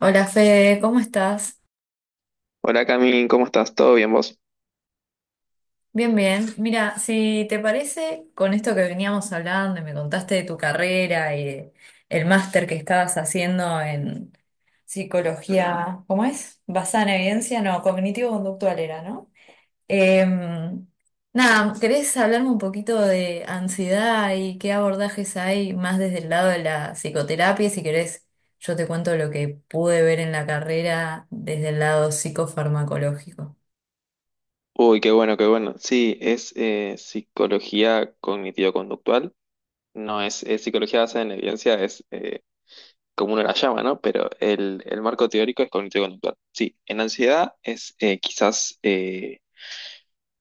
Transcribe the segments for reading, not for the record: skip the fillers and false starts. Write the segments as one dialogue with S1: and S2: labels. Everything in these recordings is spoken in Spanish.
S1: Hola Fede, ¿cómo estás?
S2: Hola Cami, ¿cómo estás? ¿Todo bien vos?
S1: Bien, bien. Mira, si te parece, con esto que veníamos hablando y me contaste de tu carrera y de el máster que estabas haciendo en psicología, ¿cómo es? Basada en evidencia, no, cognitivo-conductual era, ¿no? Em, Nada, ¿querés hablarme un poquito de ansiedad y qué abordajes hay más desde el lado de la psicoterapia? Si querés, yo te cuento lo que pude ver en la carrera desde el lado psicofarmacológico.
S2: Uy, qué bueno, qué bueno. Sí, es psicología cognitivo-conductual. No es, es psicología basada en evidencia, es como uno la llama, ¿no? Pero el marco teórico es cognitivo-conductual. Sí, en ansiedad es quizás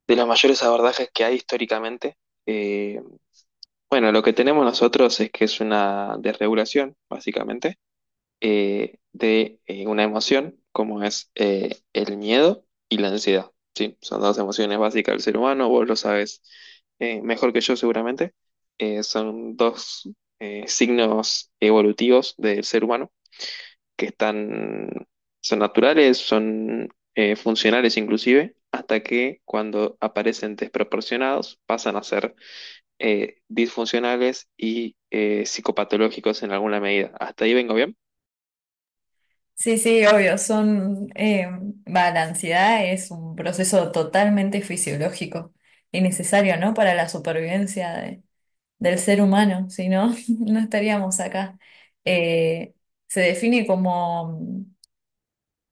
S2: de los mayores abordajes que hay históricamente. Eh, bueno, lo que tenemos nosotros es que es una desregulación, básicamente de una emoción como es el miedo y la ansiedad, ¿sí? Son dos emociones básicas del ser humano, vos lo sabes mejor que yo seguramente. Son dos signos evolutivos del ser humano que están, son naturales, son funcionales inclusive, hasta que cuando aparecen desproporcionados pasan a ser disfuncionales y psicopatológicos en alguna medida. ¿Hasta ahí vengo bien?
S1: Sí, sí, obvio, la ansiedad es un proceso totalmente fisiológico y necesario, ¿no? Para la supervivencia del ser humano, si no, no estaríamos acá. Eh, Se define como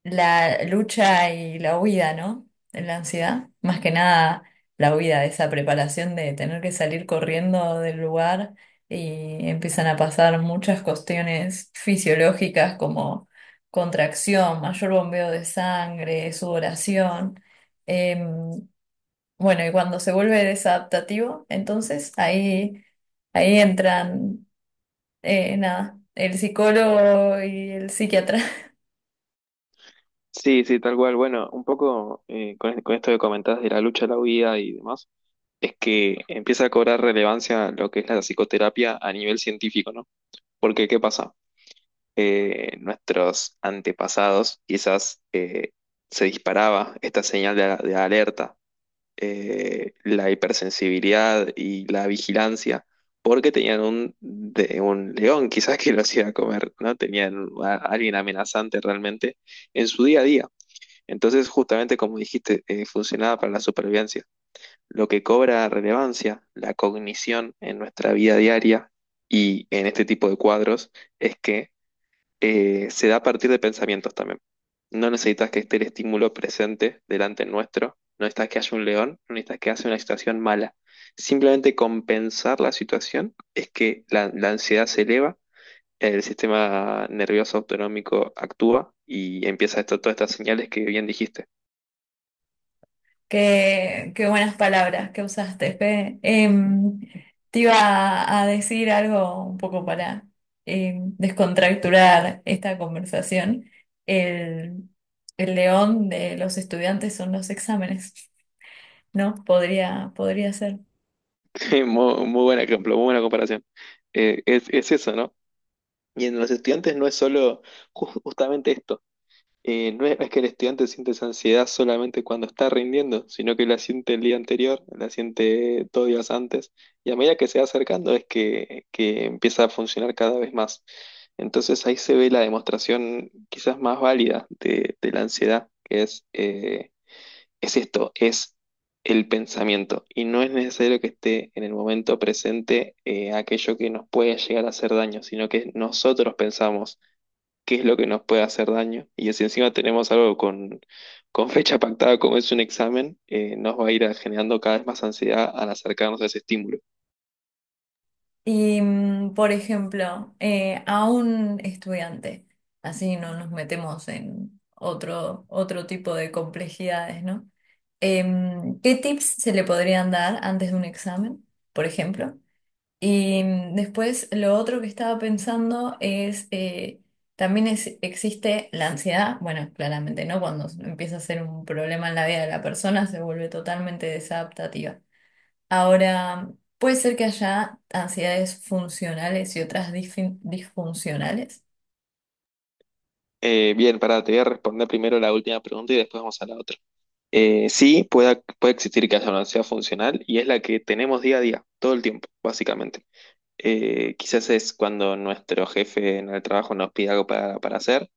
S1: la lucha y la huida, ¿no? De la ansiedad. Más que nada la huida de esa preparación de tener que salir corriendo del lugar, y empiezan a pasar muchas cuestiones fisiológicas como contracción, mayor bombeo de sangre, sudoración. Em, bueno, y cuando se vuelve desadaptativo, entonces ahí entran, nada, el psicólogo y el psiquiatra.
S2: Sí, sí, tal cual. Bueno, un poco con esto que comentás de la lucha, la huida y demás, es que empieza a cobrar relevancia lo que es la psicoterapia a nivel científico, ¿no? Porque, ¿qué pasa? Nuestros antepasados quizás se disparaba esta señal de alerta, la hipersensibilidad y la vigilancia, porque tenían un león quizás que lo hacía comer, ¿no? Tenían a alguien amenazante realmente en su día a día. Entonces, justamente como dijiste, funcionaba para la supervivencia. Lo que cobra relevancia, la cognición en nuestra vida diaria y en este tipo de cuadros, es que se da a partir de pensamientos también. No necesitas que esté el estímulo presente delante nuestro, no necesitas que haya un león, no necesitas que haya una situación mala. Simplemente compensar la situación es que la ansiedad se eleva, el sistema nervioso autonómico actúa y empieza esto, todas estas señales que bien dijiste.
S1: Qué, qué buenas palabras que usaste, Fe. Te iba a decir algo un poco para descontracturar esta conversación. El, el león de los estudiantes son los exámenes, ¿no? Podría, podría ser.
S2: Muy, muy buen ejemplo, muy buena comparación. Es eso, ¿no? Y en los estudiantes no es solo justamente esto. No es que el estudiante siente esa ansiedad solamente cuando está rindiendo, sino que la siente el día anterior, la siente dos días antes, y a medida que se va acercando es que empieza a funcionar cada vez más. Entonces ahí se ve la demostración quizás más válida de la ansiedad, que es es esto, es el pensamiento. Y no es necesario que esté en el momento presente aquello que nos puede llegar a hacer daño, sino que nosotros pensamos qué es lo que nos puede hacer daño. Y si encima tenemos algo con fecha pactada como es un examen, nos va a ir generando cada vez más ansiedad al acercarnos a ese estímulo.
S1: Y, por ejemplo, a un estudiante, así no nos metemos en otro tipo de complejidades, ¿no? ¿Qué tips se le podrían dar antes de un examen, por ejemplo? Y después, lo otro que estaba pensando es, también existe la ansiedad, bueno, claramente, ¿no? Cuando empieza a ser un problema en la vida de la persona, se vuelve totalmente desadaptativa. Ahora, puede ser que haya ansiedades funcionales y otras disfuncionales.
S2: Bien, para te voy a responder primero la última pregunta y después vamos a la otra. Eh, sí, puede existir que haya una ansiedad funcional y es la que tenemos día a día, todo el tiempo, básicamente. Quizás es cuando nuestro jefe en el trabajo nos pide algo para hacer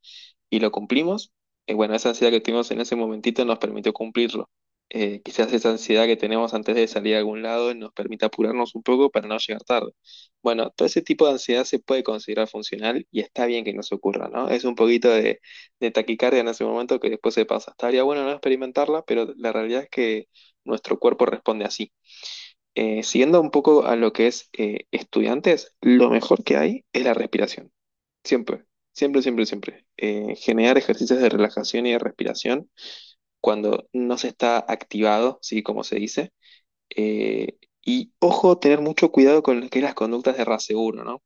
S2: y lo cumplimos. Bueno, esa ansiedad que tuvimos en ese momentito nos permitió cumplirlo. Quizás esa ansiedad que tenemos antes de salir a algún lado nos permite apurarnos un poco para no llegar tarde. Bueno, todo ese tipo de ansiedad se puede considerar funcional y está bien que nos ocurra, ¿no? Es un poquito de taquicardia en ese momento que después se pasa. Estaría bueno no experimentarla, pero la realidad es que nuestro cuerpo responde así. Siguiendo un poco a lo que es estudiantes, lo mejor que hay es la respiración. Siempre, siempre, siempre, siempre. Generar ejercicios de relajación y de respiración cuando no se está activado, ¿sí? Como se dice. Eh, y ojo, tener mucho cuidado con lo que es las conductas de raseguro, ¿no?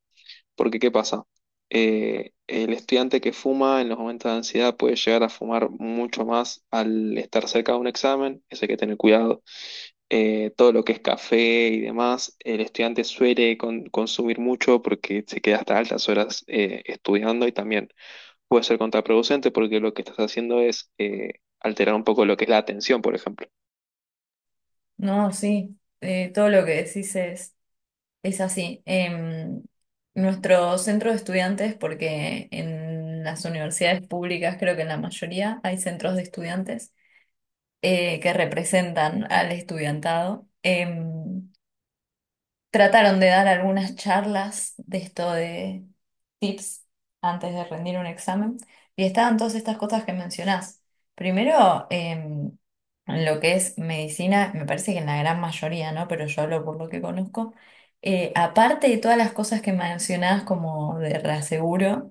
S2: Porque ¿qué pasa? El estudiante que fuma en los momentos de ansiedad puede llegar a fumar mucho más al estar cerca de un examen, eso hay que tener cuidado todo lo que es café y demás, el estudiante suele consumir mucho porque se queda hasta altas horas estudiando y también puede ser contraproducente porque lo que estás haciendo es alterar un poco lo que es la atención, por ejemplo.
S1: No, sí, todo lo que decís es así. Nuestro centro de estudiantes, porque en las universidades públicas creo que en la mayoría hay centros de estudiantes que representan al estudiantado. Trataron de dar algunas charlas de esto de tips antes de rendir un examen, y estaban todas estas cosas que mencionás. Primero, en lo que es medicina, me parece que en la gran mayoría, ¿no? Pero yo hablo por lo que conozco. Aparte de todas las cosas que mencionás como de reaseguro,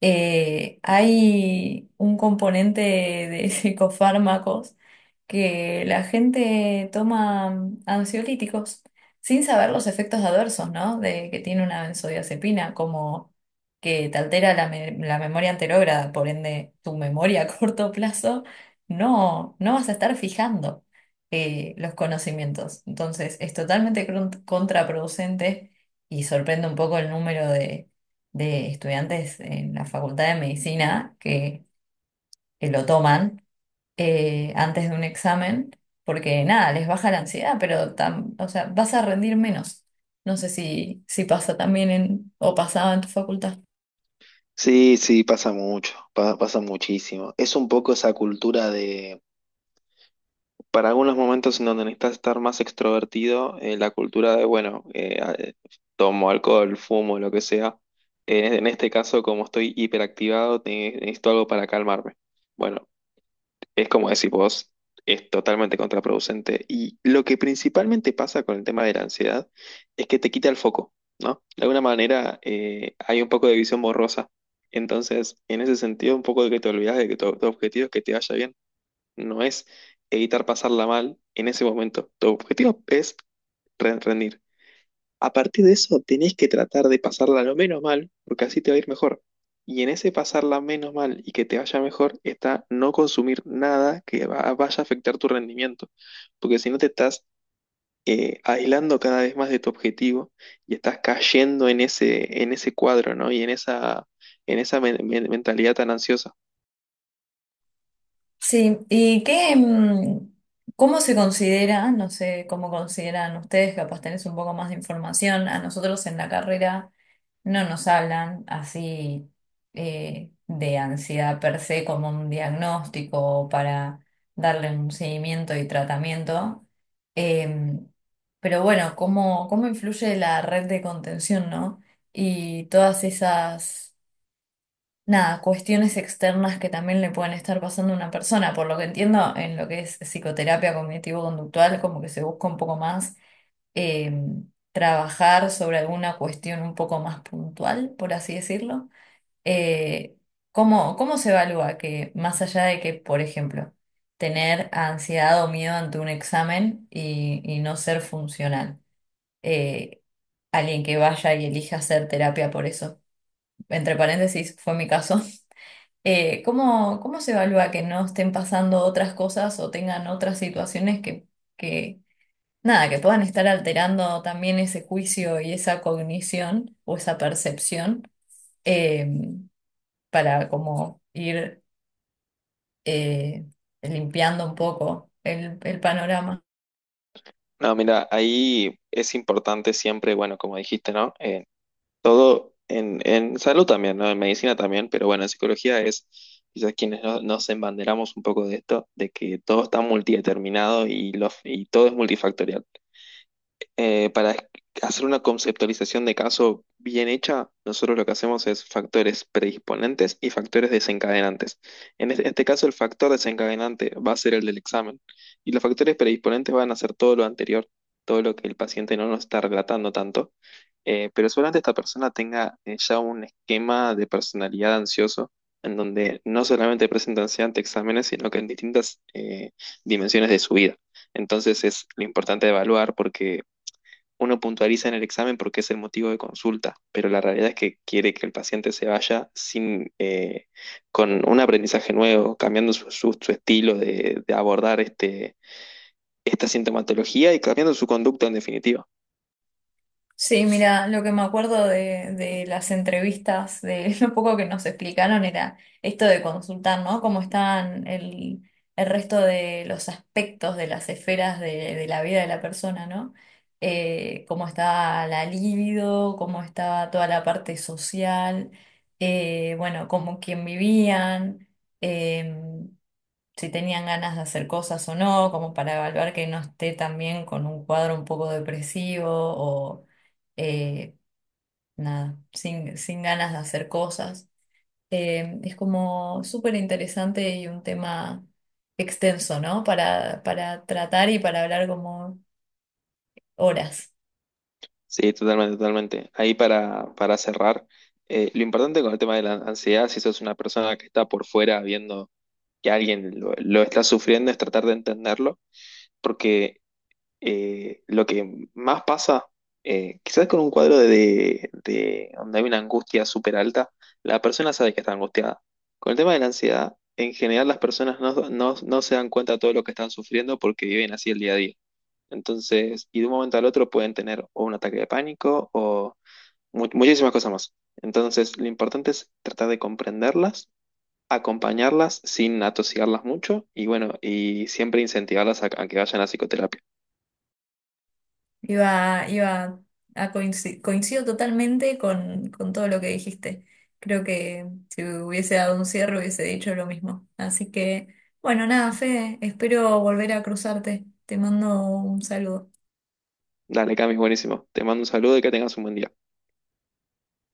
S1: hay un componente de psicofármacos, que la gente toma ansiolíticos sin saber los efectos adversos, ¿no? De que tiene una benzodiazepina, como que te altera la memoria anterógrada, por ende tu memoria a corto plazo, no, no vas a estar fijando los conocimientos. Entonces es totalmente contraproducente, y sorprende un poco el número de estudiantes en la Facultad de Medicina que lo toman antes de un examen, porque nada, les baja la ansiedad, pero o sea, vas a rendir menos. No sé si, si pasa también en, o pasaba en tu facultad.
S2: Sí, sí, pasa mucho, pasa muchísimo. Es un poco esa cultura de... Para algunos momentos en donde necesitas estar más extrovertido, la cultura de, bueno, tomo alcohol, fumo, lo que sea. En este caso, como estoy hiperactivado, necesito algo para calmarme. Bueno, es como decís vos, es totalmente contraproducente. Y lo que principalmente pasa con el tema de la ansiedad es que te quita el foco, ¿no? De alguna manera, hay un poco de visión borrosa. Entonces, en ese sentido, un poco de que te olvidas de que tu objetivo es que te vaya bien no es evitar pasarla mal en ese momento. Tu objetivo es rendir. A partir de eso, tenés que tratar de pasarla lo menos mal, porque así te va a ir mejor. Y en ese pasarla menos mal y que te vaya mejor está no consumir nada que vaya a afectar tu rendimiento, porque si no te estás aislando cada vez más de tu objetivo y estás cayendo en en ese cuadro, ¿no? Y en esa mentalidad tan ansiosa.
S1: Sí, ¿y qué, cómo se considera? No sé cómo consideran ustedes, capaz tenés un poco más de información. A nosotros en la carrera. No nos hablan así de ansiedad per se como un diagnóstico para darle un seguimiento y tratamiento. Em, pero bueno, ¿cómo, cómo influye la red de contención, ¿no? Y todas esas, nada, cuestiones externas que también le pueden estar pasando a una persona. Por lo que entiendo, en lo que es psicoterapia cognitivo-conductual, como que se busca un poco más eh, trabajar sobre alguna cuestión un poco más puntual, por así decirlo, eh, ¿cómo, cómo se evalúa que más allá de que, por ejemplo, tener ansiedad o miedo ante un examen y no ser funcional? eh, Alguien que vaya y elija hacer terapia por eso. Entre paréntesis, fue mi caso. ¿Cómo, cómo se evalúa que no estén pasando otras cosas o tengan otras situaciones que nada, que puedan estar alterando también ese juicio y esa cognición o esa percepción eh, para como ir eh, limpiando un poco el panorama.
S2: No, mira, ahí es importante siempre, bueno, como dijiste, ¿no? Todo en salud también, ¿no? En medicina también, pero bueno, en psicología es quizás quienes nos embanderamos un poco de esto, de que todo está multideterminado y y todo es multifactorial. Para hacer una conceptualización de caso bien hecha, nosotros lo que hacemos es factores predisponentes y factores desencadenantes. En este caso, el factor desencadenante va a ser el del examen y los factores predisponentes van a ser todo lo anterior, todo lo que el paciente no nos está relatando tanto. Pero solamente esta persona tenga ya un esquema de personalidad ansioso en donde no solamente presenta ansiedad ante exámenes, sino que en distintas dimensiones de su vida. Entonces es lo importante de evaluar porque uno puntualiza en el examen porque es el motivo de consulta, pero la realidad es que quiere que el paciente se vaya sin, con un aprendizaje nuevo, cambiando su estilo de abordar esta sintomatología y cambiando su conducta en definitiva.
S1: Sí, mira, lo que me acuerdo de las entrevistas, de lo poco que nos explicaron era esto de consultar, ¿no? Cómo están el resto de los aspectos de las esferas de la vida de la persona, ¿no? Cómo está la libido, cómo está toda la parte social, bueno, cómo quién vivían. em, si tenían ganas de hacer cosas o no, como para evaluar que no esté también con un cuadro un poco depresivo o eh, nada, sin, sin ganas de hacer cosas. Es como súper interesante y un tema extenso, ¿no? Para tratar y para hablar como horas.
S2: Sí, totalmente, totalmente. Ahí para cerrar, lo importante con el tema de la ansiedad, si sos una persona que está por fuera viendo que alguien lo está sufriendo, es tratar de entenderlo, porque lo que más pasa, quizás con un cuadro de donde hay una angustia súper alta, la persona sabe que está angustiada. Con el tema de la ansiedad, en general las personas no se dan cuenta de todo lo que están sufriendo porque viven así el día a día. Entonces, y de un momento al otro pueden tener o un ataque de pánico o muchísimas cosas más. Entonces, lo importante es tratar de comprenderlas, acompañarlas sin atosigarlas mucho y bueno, y siempre incentivarlas a que vayan a psicoterapia.
S1: Iba a coincidir, coincido totalmente con todo lo que dijiste. Creo que si hubiese dado un cierre hubiese dicho lo mismo. Así que, bueno, nada, Fede, espero volver a cruzarte. Te mando un saludo.
S2: Dale, Cami, buenísimo. Te mando un saludo y que tengas un buen día.